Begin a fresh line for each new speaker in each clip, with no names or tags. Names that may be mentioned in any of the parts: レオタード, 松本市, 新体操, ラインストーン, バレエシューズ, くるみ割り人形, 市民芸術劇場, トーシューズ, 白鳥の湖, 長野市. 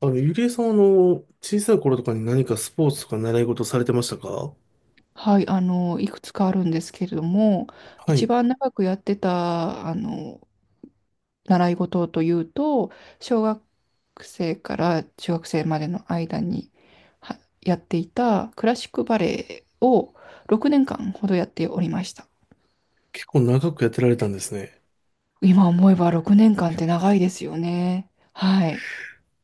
ゆりえさんは、小さい頃とかに何かスポーツとか習い事されてましたか？
はい、いくつかあるんですけれども、
は
一
い。
番長くやってた、習い事というと、小学生から中学生までの間にはやっていたクラシックバレエを6年間ほどやっておりました。
結構長くやってられたんですね。
今思えば6年間って長いですよね。はい。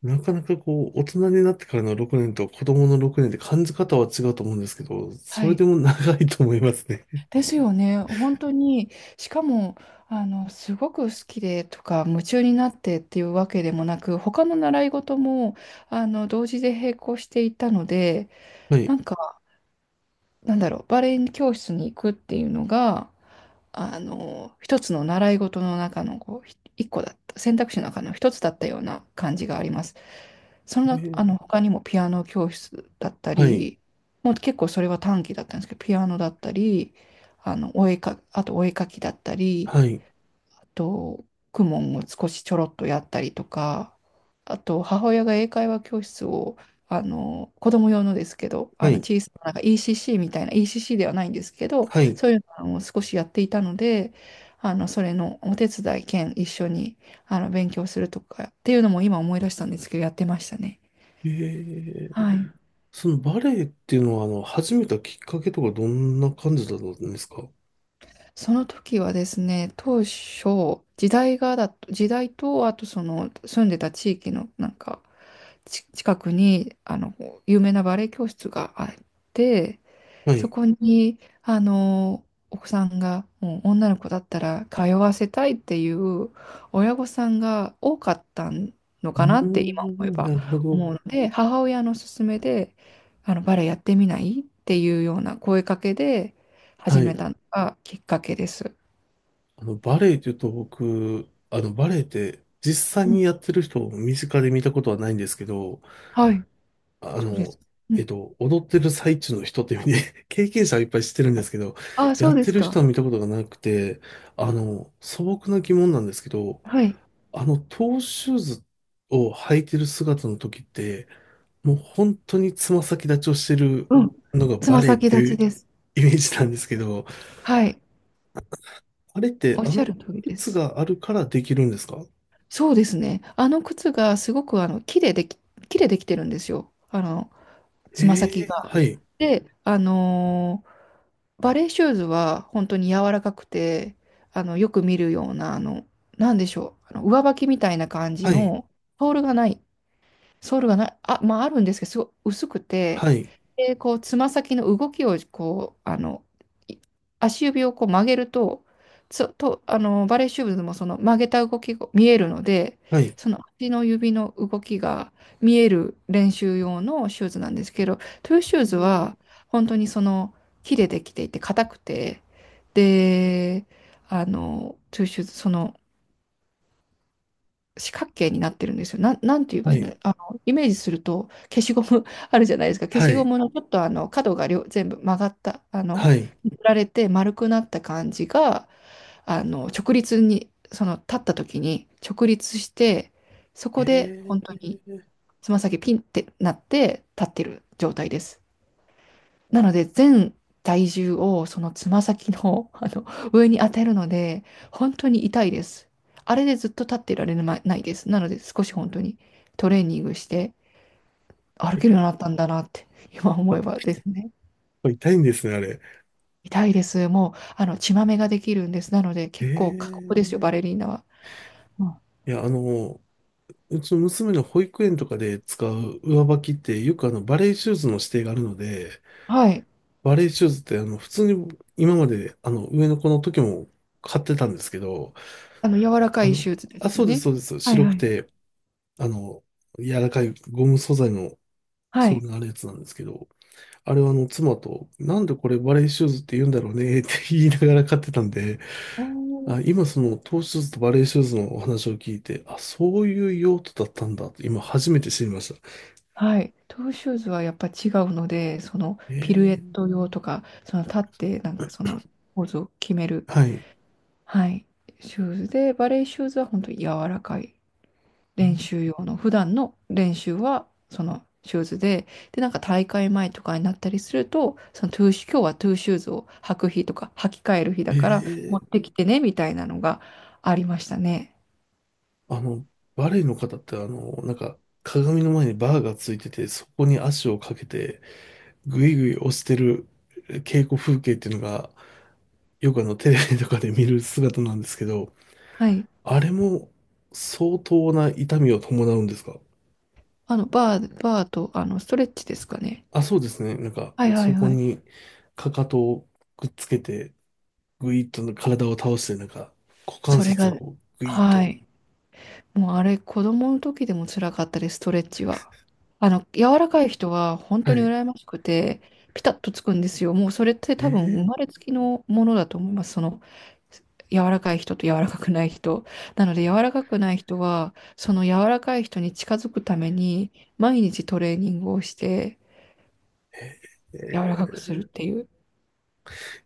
なかなかこう、大人になってからの6年と子供の6年って感じ方は違うと思うんですけど、そ
は
れで
い。
も長いと思いますね。
ですよね。本当に、しかも、すごく好きでとか、夢中になってっていうわけでもなく、他の習い事も、同時で並行していたので、
はい。
なんか、なんだろう、バレエ教室に行くっていうのが、一つの習い事の中の、こう、一個だった、選択肢の中の一つだったような感じがあります。その
え
中、
ー、
他にもピアノ教室だった
はい。
り、もう結構それは短期だったんですけど、ピアノだったり、あの、お絵か、あとお絵描きだったり、
はい。
あと、公文を少しちょろっとやったりとか、あと、母親が英会話教室を、子供用のですけど、
はい。
小さな、なんか ECC みたいな、ECC ではないんですけど、
はい。
そういうのを少しやっていたので、それのお手伝い兼一緒に、勉強するとかっていうのも今思い出したんですけど、やってましたね。
えー、
はい。
そのバレエっていうのは、始めたきっかけとかどんな感じだったんですか？
その時はですね、当初、時代と、あとその住んでた地域のなんか、近くに、有名なバレエ教室があって、
は
そ
い。
こに、お子さんが、もう女の子だったら通わせたいっていう親御さんが多かったの
う
かな
ー
って今思え
ん、
ば
なるほど。
思うので、母親の勧めで、バレエやってみないっていうような声かけで
は
始め
い。
たのがきっかけです。
バレエって言うと僕、バレエって実際
う
に
ん。
やってる人を身近で見たことはないんですけど、
はい、
あ
そうで
の、
す。うん。
踊ってる最中の人っていう意味で 経験者はいっぱい知ってるんですけど、
ああ、
や
そう
っ
で
て
す
る人
か。
は見たことがなくて、素朴な疑問なんですけど、
はい。
トーシューズを履いてる姿の時って、もう本当につま先立ちをしてる
うん。
のが
つ
バ
ま
レエっ
先
て
立
い
ち
う
です。
イメージなんですけど、
はい。
あれって
おっ
あ
しゃ
の
る通りで
靴
す。
があるからできるんですか？
そうですね。あの靴がすごくあの木ででき、木でできてるんですよ。あの、つま先
ええ、
が。
はい、
で、バレーシューズは本当に柔らかくて、よく見るような、なんでしょう、あの上履きみたいな感じ
はい、
の、ソールがない、ソールがない、あ、まああるんですけど、すごい薄くて、
はい、
で、こう、つま先の動きを、こう、い足指をこう曲げると、つと、あの、バレーシューズもその曲げた動きが見えるので、
はい、
その足の指の動きが見える練習用のシューズなんですけど、トゥーシュー
う
ズ
ん、
は、本当にその、木でできていて、硬くて、で、トゥーシューズ、その、四角形になってるんですよ。なんて言えば
は
いい
い、
の、イメージすると消しゴム あるじゃないですか。消
は
しゴ
い、
ムのちょっとあの角が両全部曲がった、
はい。
振られて丸くなった感じが、直立に、その立った時に直立して、そこで
え
本当
え、
につま先ピンってなって立ってる状態です。なので、全体重をそのつま先の、あの上に当てるので、本当に痛いです。あれでずっと立ってられなないです。なので、少し本当にトレーニングして歩
や
けるよ
っ
うになったんだなって、今
ぱ
思
や
えば
っ
ですね。
ぱ痛いんですね、あれ。
痛いです。もう、血まめができるんです。なので、結構過酷
え
ですよ、
え、
バレリーナは。うん。
いや、あの、うちの娘の保育園とかで使う上履きって、よくバレエシューズの指定があるので、
はい。
バレエシューズって、普通に今まで、上の子の時も買ってたんですけど、
あの、柔らか
あ
い
の、
手術で
あ、
すよ
そうです、
ね。
そうです。
はい
白
は
く
い。
て、あの、柔らかいゴム素材の
は
ソー
い。
ルのあるやつなんですけど、あれはあの妻と、なんでこれバレーシューズって言うんだろうねって言いながら買ってたんで、
お
あ、
ー。
今そのトーシューズとバレーシューズのお話を聞いて、あ、そういう用途だったんだと今初めて知りました。
はい。トゥーシューズはやっぱ違うので、そのピルエッ
え
ト用とか、その立ってなんかそのポーズを決める、
ー、はい。
はい、シューズで、バレーシューズは本当に柔らかい練習用の、普段の練習はそのシューズで、で、なんか大会前とかになったりすると、そのトゥーシュ、今日はトゥーシューズを履く日とか、履き替える日だ
え
から持っ
ー、
てきてね、みたいなのがありましたね。
あの、バレーの方ってあの、なんか鏡の前にバーがついてて、そこに足をかけて、ぐいぐい押してる稽古風景っていうのが、よくあのテレビとかで見る姿なんですけど、
はい。
あれも相当な痛みを伴うんですか？
バーと、ストレッチですかね。
あ、そうですね。なんか、
はいはい
そこ
はい。
に、かかとをくっつけて、ぐいっと体を倒して、なんか、股関
それ
節を
が、
こう、ぐいっ
は
と。
い。もうあれ、子供の時でも辛かったです、ストレッチは。柔らかい人は本
は
当に
い。
羨ましくて、ピタッとつくんですよ。もうそれって多分生
ええ、
まれつきのものだと思います。その、柔らかい人と柔らかくない人。なので、柔らかくない人は、その柔らかい人に近づくために、毎日トレーニングをして、
え
柔らかく
え、
するっていう。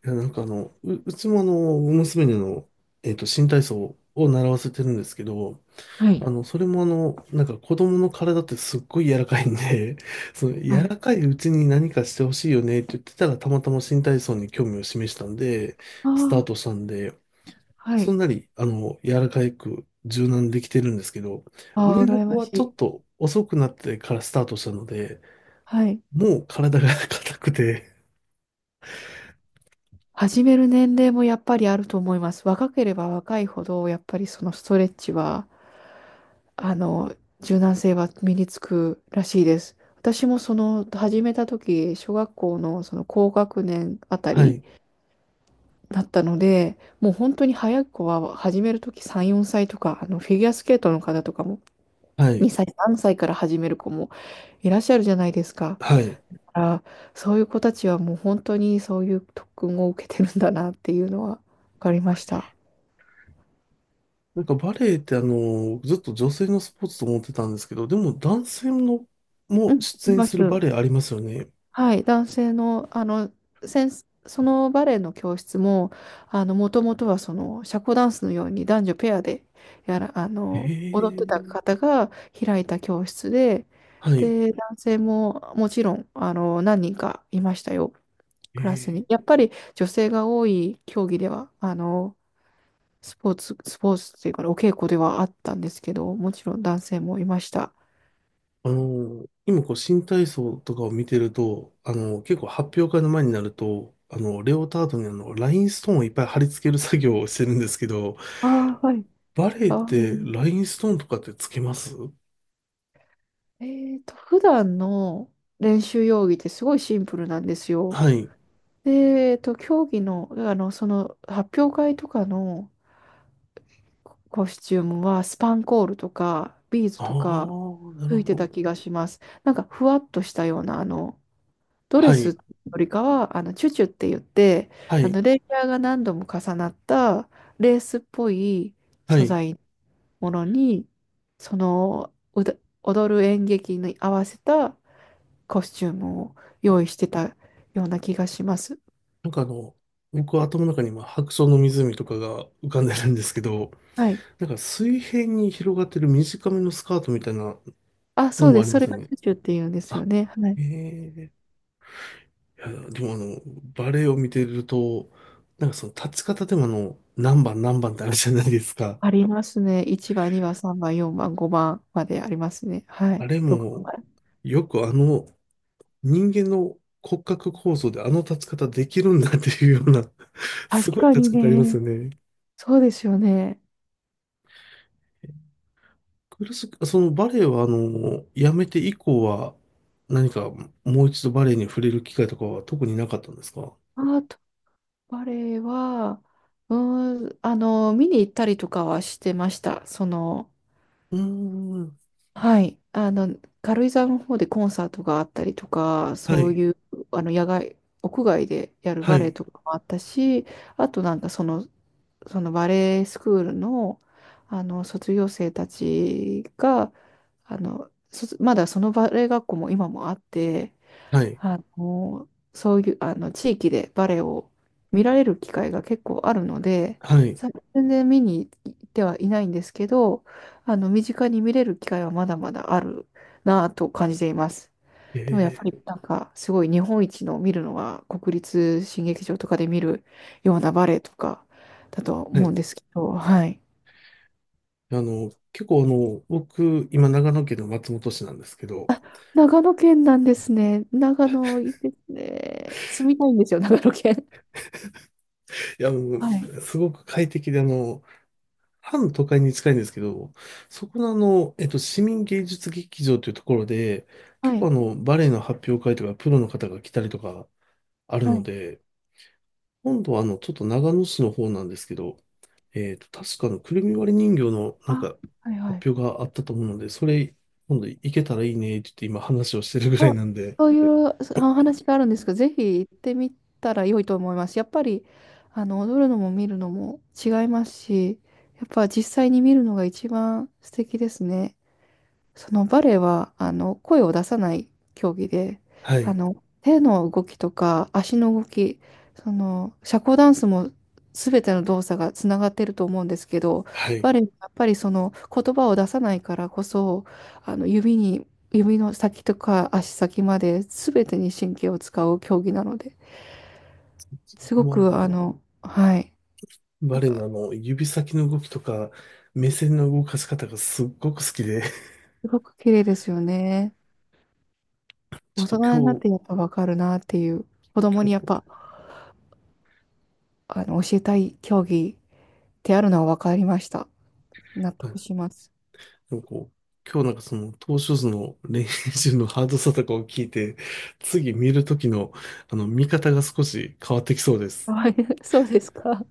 いや、なんかあの、う、うちもあの、娘にあの、えっと、新体操を習わせてるんですけど、
はい。
それもあの、なんか子供の体ってすっごい柔らかいんで、その
は
柔
い。
らかいうちに何かしてほしいよねって言ってたら、たまたま新体操に興味を示したんで、
あ
スター
あ、
トしたんで、
は
そ
い。
んなに、柔らかく柔軟にできてるんですけど、
ああ、
上の
羨
子
ま
は
し
ちょ
い。
っと遅くなってからスタートしたので、
はい。
もう体が 硬くて、
始める年齢もやっぱりあると思います。若ければ若いほど、やっぱりそのストレッチは、あの、柔軟性は身につくらしいです。私もその始めた時、小学校のその高学年あた
は
り
い、
だったので、もう本当に早い子は始める時3、4歳とか、あのフィギュアスケートの方とかも
はい、
2歳、3歳から始める子もいらっしゃるじゃないですか。
はい。
だからそういう子たちはもう本当にそういう特訓を受けてるんだなっていうのは分かりました。
なんかバレエってあの、ずっと女性のスポーツと思ってたんですけど、でも男性の
う
も
ん、い
出演
ま
する
す。
バレエありますよね。
はい、男性の、先生そのバレエの教室も、もともとはその、社交ダンスのように男女ペアで、やら、あ
え
の、踊ってた
え、
方が開いた教室で、
はい。
で、男性ももちろん、何人かいましたよ、クラスに。
ええ、
やっぱり女性が多い競技では、スポーツっていうか、お稽古ではあったんですけど、もちろん男性もいました。
今こう新体操とかを見てると、結構発表会の前になると、レオタードにあの、ラインストーンをいっぱい貼り付ける作業をしてるんですけど、
ああ、はい。
バレエっ
かわい
て
い。
ラインストーンとかってつけます
えーと、普段の練習用着ってすごいシンプルなんですよ。
はい。
で、えーと、競技の、その発表会とかのコスチュームはスパンコールとかビーズ
ああ、
とか
なる
吹い
ほ
てた
ど。
気がします。なんかふわっとしたような、ドレ
は
スよ
い。
りかは、チュチュって言って、
はい。
レイヤーが何度も重なったレースっぽい
は
素
い。
材ものに、その、うだ踊る演劇に合わせたコスチュームを用意してたような気がします。
なんかあの、僕は頭の中に今、白鳥の湖とかが浮かんでるんですけど、
はい。
なんか水平に広がってる短めのスカートみたいな
あ、
の
そう
も
で
あ
す。
り
そ
ま
れ
すよ
がチ
ね。
ュチュって言うんですよ
あ、
ね。はい。
ええ、いや、でもあの、バレエを見てると、なんかその立ち方でもあの、何番何番ってあるじゃないですか。
ありますね。1番、2番、3番、4番、5番までありますね。は
あ
い。
れ
6番
も、
まで。
よくあの、人間の骨格構造であの立ち方できるんだっていうような、す
確
ごい
かに
立ち方あります
ね。
よね。
そうですよね。
苦しく、そのバレエはあの、やめて以降は、何かもう一度バレエに触れる機会とかは特になかったんですか？
アートバレエは、見に行ったりとかはしてました。その、
うーん。
はい。軽井沢の方でコンサートがあったりとか、
は
そう
い。
いう、野外、屋外でやる
は
バレエ
い。
とかもあったし、あとなんかその、そのバレエスクールの、あの、卒業生たちが、あの、卒まだそのバレエ学校も今もあって、
はい。
あの、そういう、地域でバレエを見られる機会が結構あるので、
はい。
全然見に行ってはいないんですけど、身近に見れる機会はまだまだあるなぁと感じています。でもやっ
え
ぱりなんか、すごい日本一の見るのは国立新劇場とかで見るようなバレエとかだと
ー、は
思うんで
い。
すけど、はい。
結構あの、僕、今長野県の松本市なんですけど、
長野県なんですね。長野いいですね。住みたいんですよ、長野県。
いや、もう、
はい。
すごく快適で、半都会に近いんですけど、そこのあの、えっと、市民芸術劇場というところで、
は
結構あ
い。
の、バレエの発表会とか、プロの方が来たりとかある
は
の
い。
で、今度はあの、ちょっと長野市の方なんですけど、えっと、確かあの、くるみ割り人形のなん
あ、
か、
はいはい。
発表があったと思うので、それ、今度行けたらいいね、って言って今話をしてるぐらい
あ
なんで、
そういうお話があるんですけど、ぜひ行ってみたら良いと思います。やっぱり、踊るのも見るのも違いますし、やっぱ実際に見るのが一番素敵ですね。そのバレエはあの声を出さない競技で、
は
あ
い、
の手の動きとか足の動き、その社交ダンスも全ての動作がつながってると思うんですけど、
はい。
バレエはやっぱりその言葉を出さないからこそ、あの指に指の先とか足先まで全てに神経を使う競技なので、すごく
も
あの、はい、
う、バレの
あ、
あの、指先の動きとか、目線の動かし方がすっごく好きで、
すごく綺麗ですよね。大
ちょっと
人になってやっぱわかるなっていう、子供
今
に
日、
やっ
今日、
ぱ
は
教えたい競技ってあるのは分かりました。納得し
い、
ます。
なんかこう、今日なんかその、投手図の練習のハードさとかを聞いて、次見るときの、見方が少し変わってきそうで す。
はい、そうですか。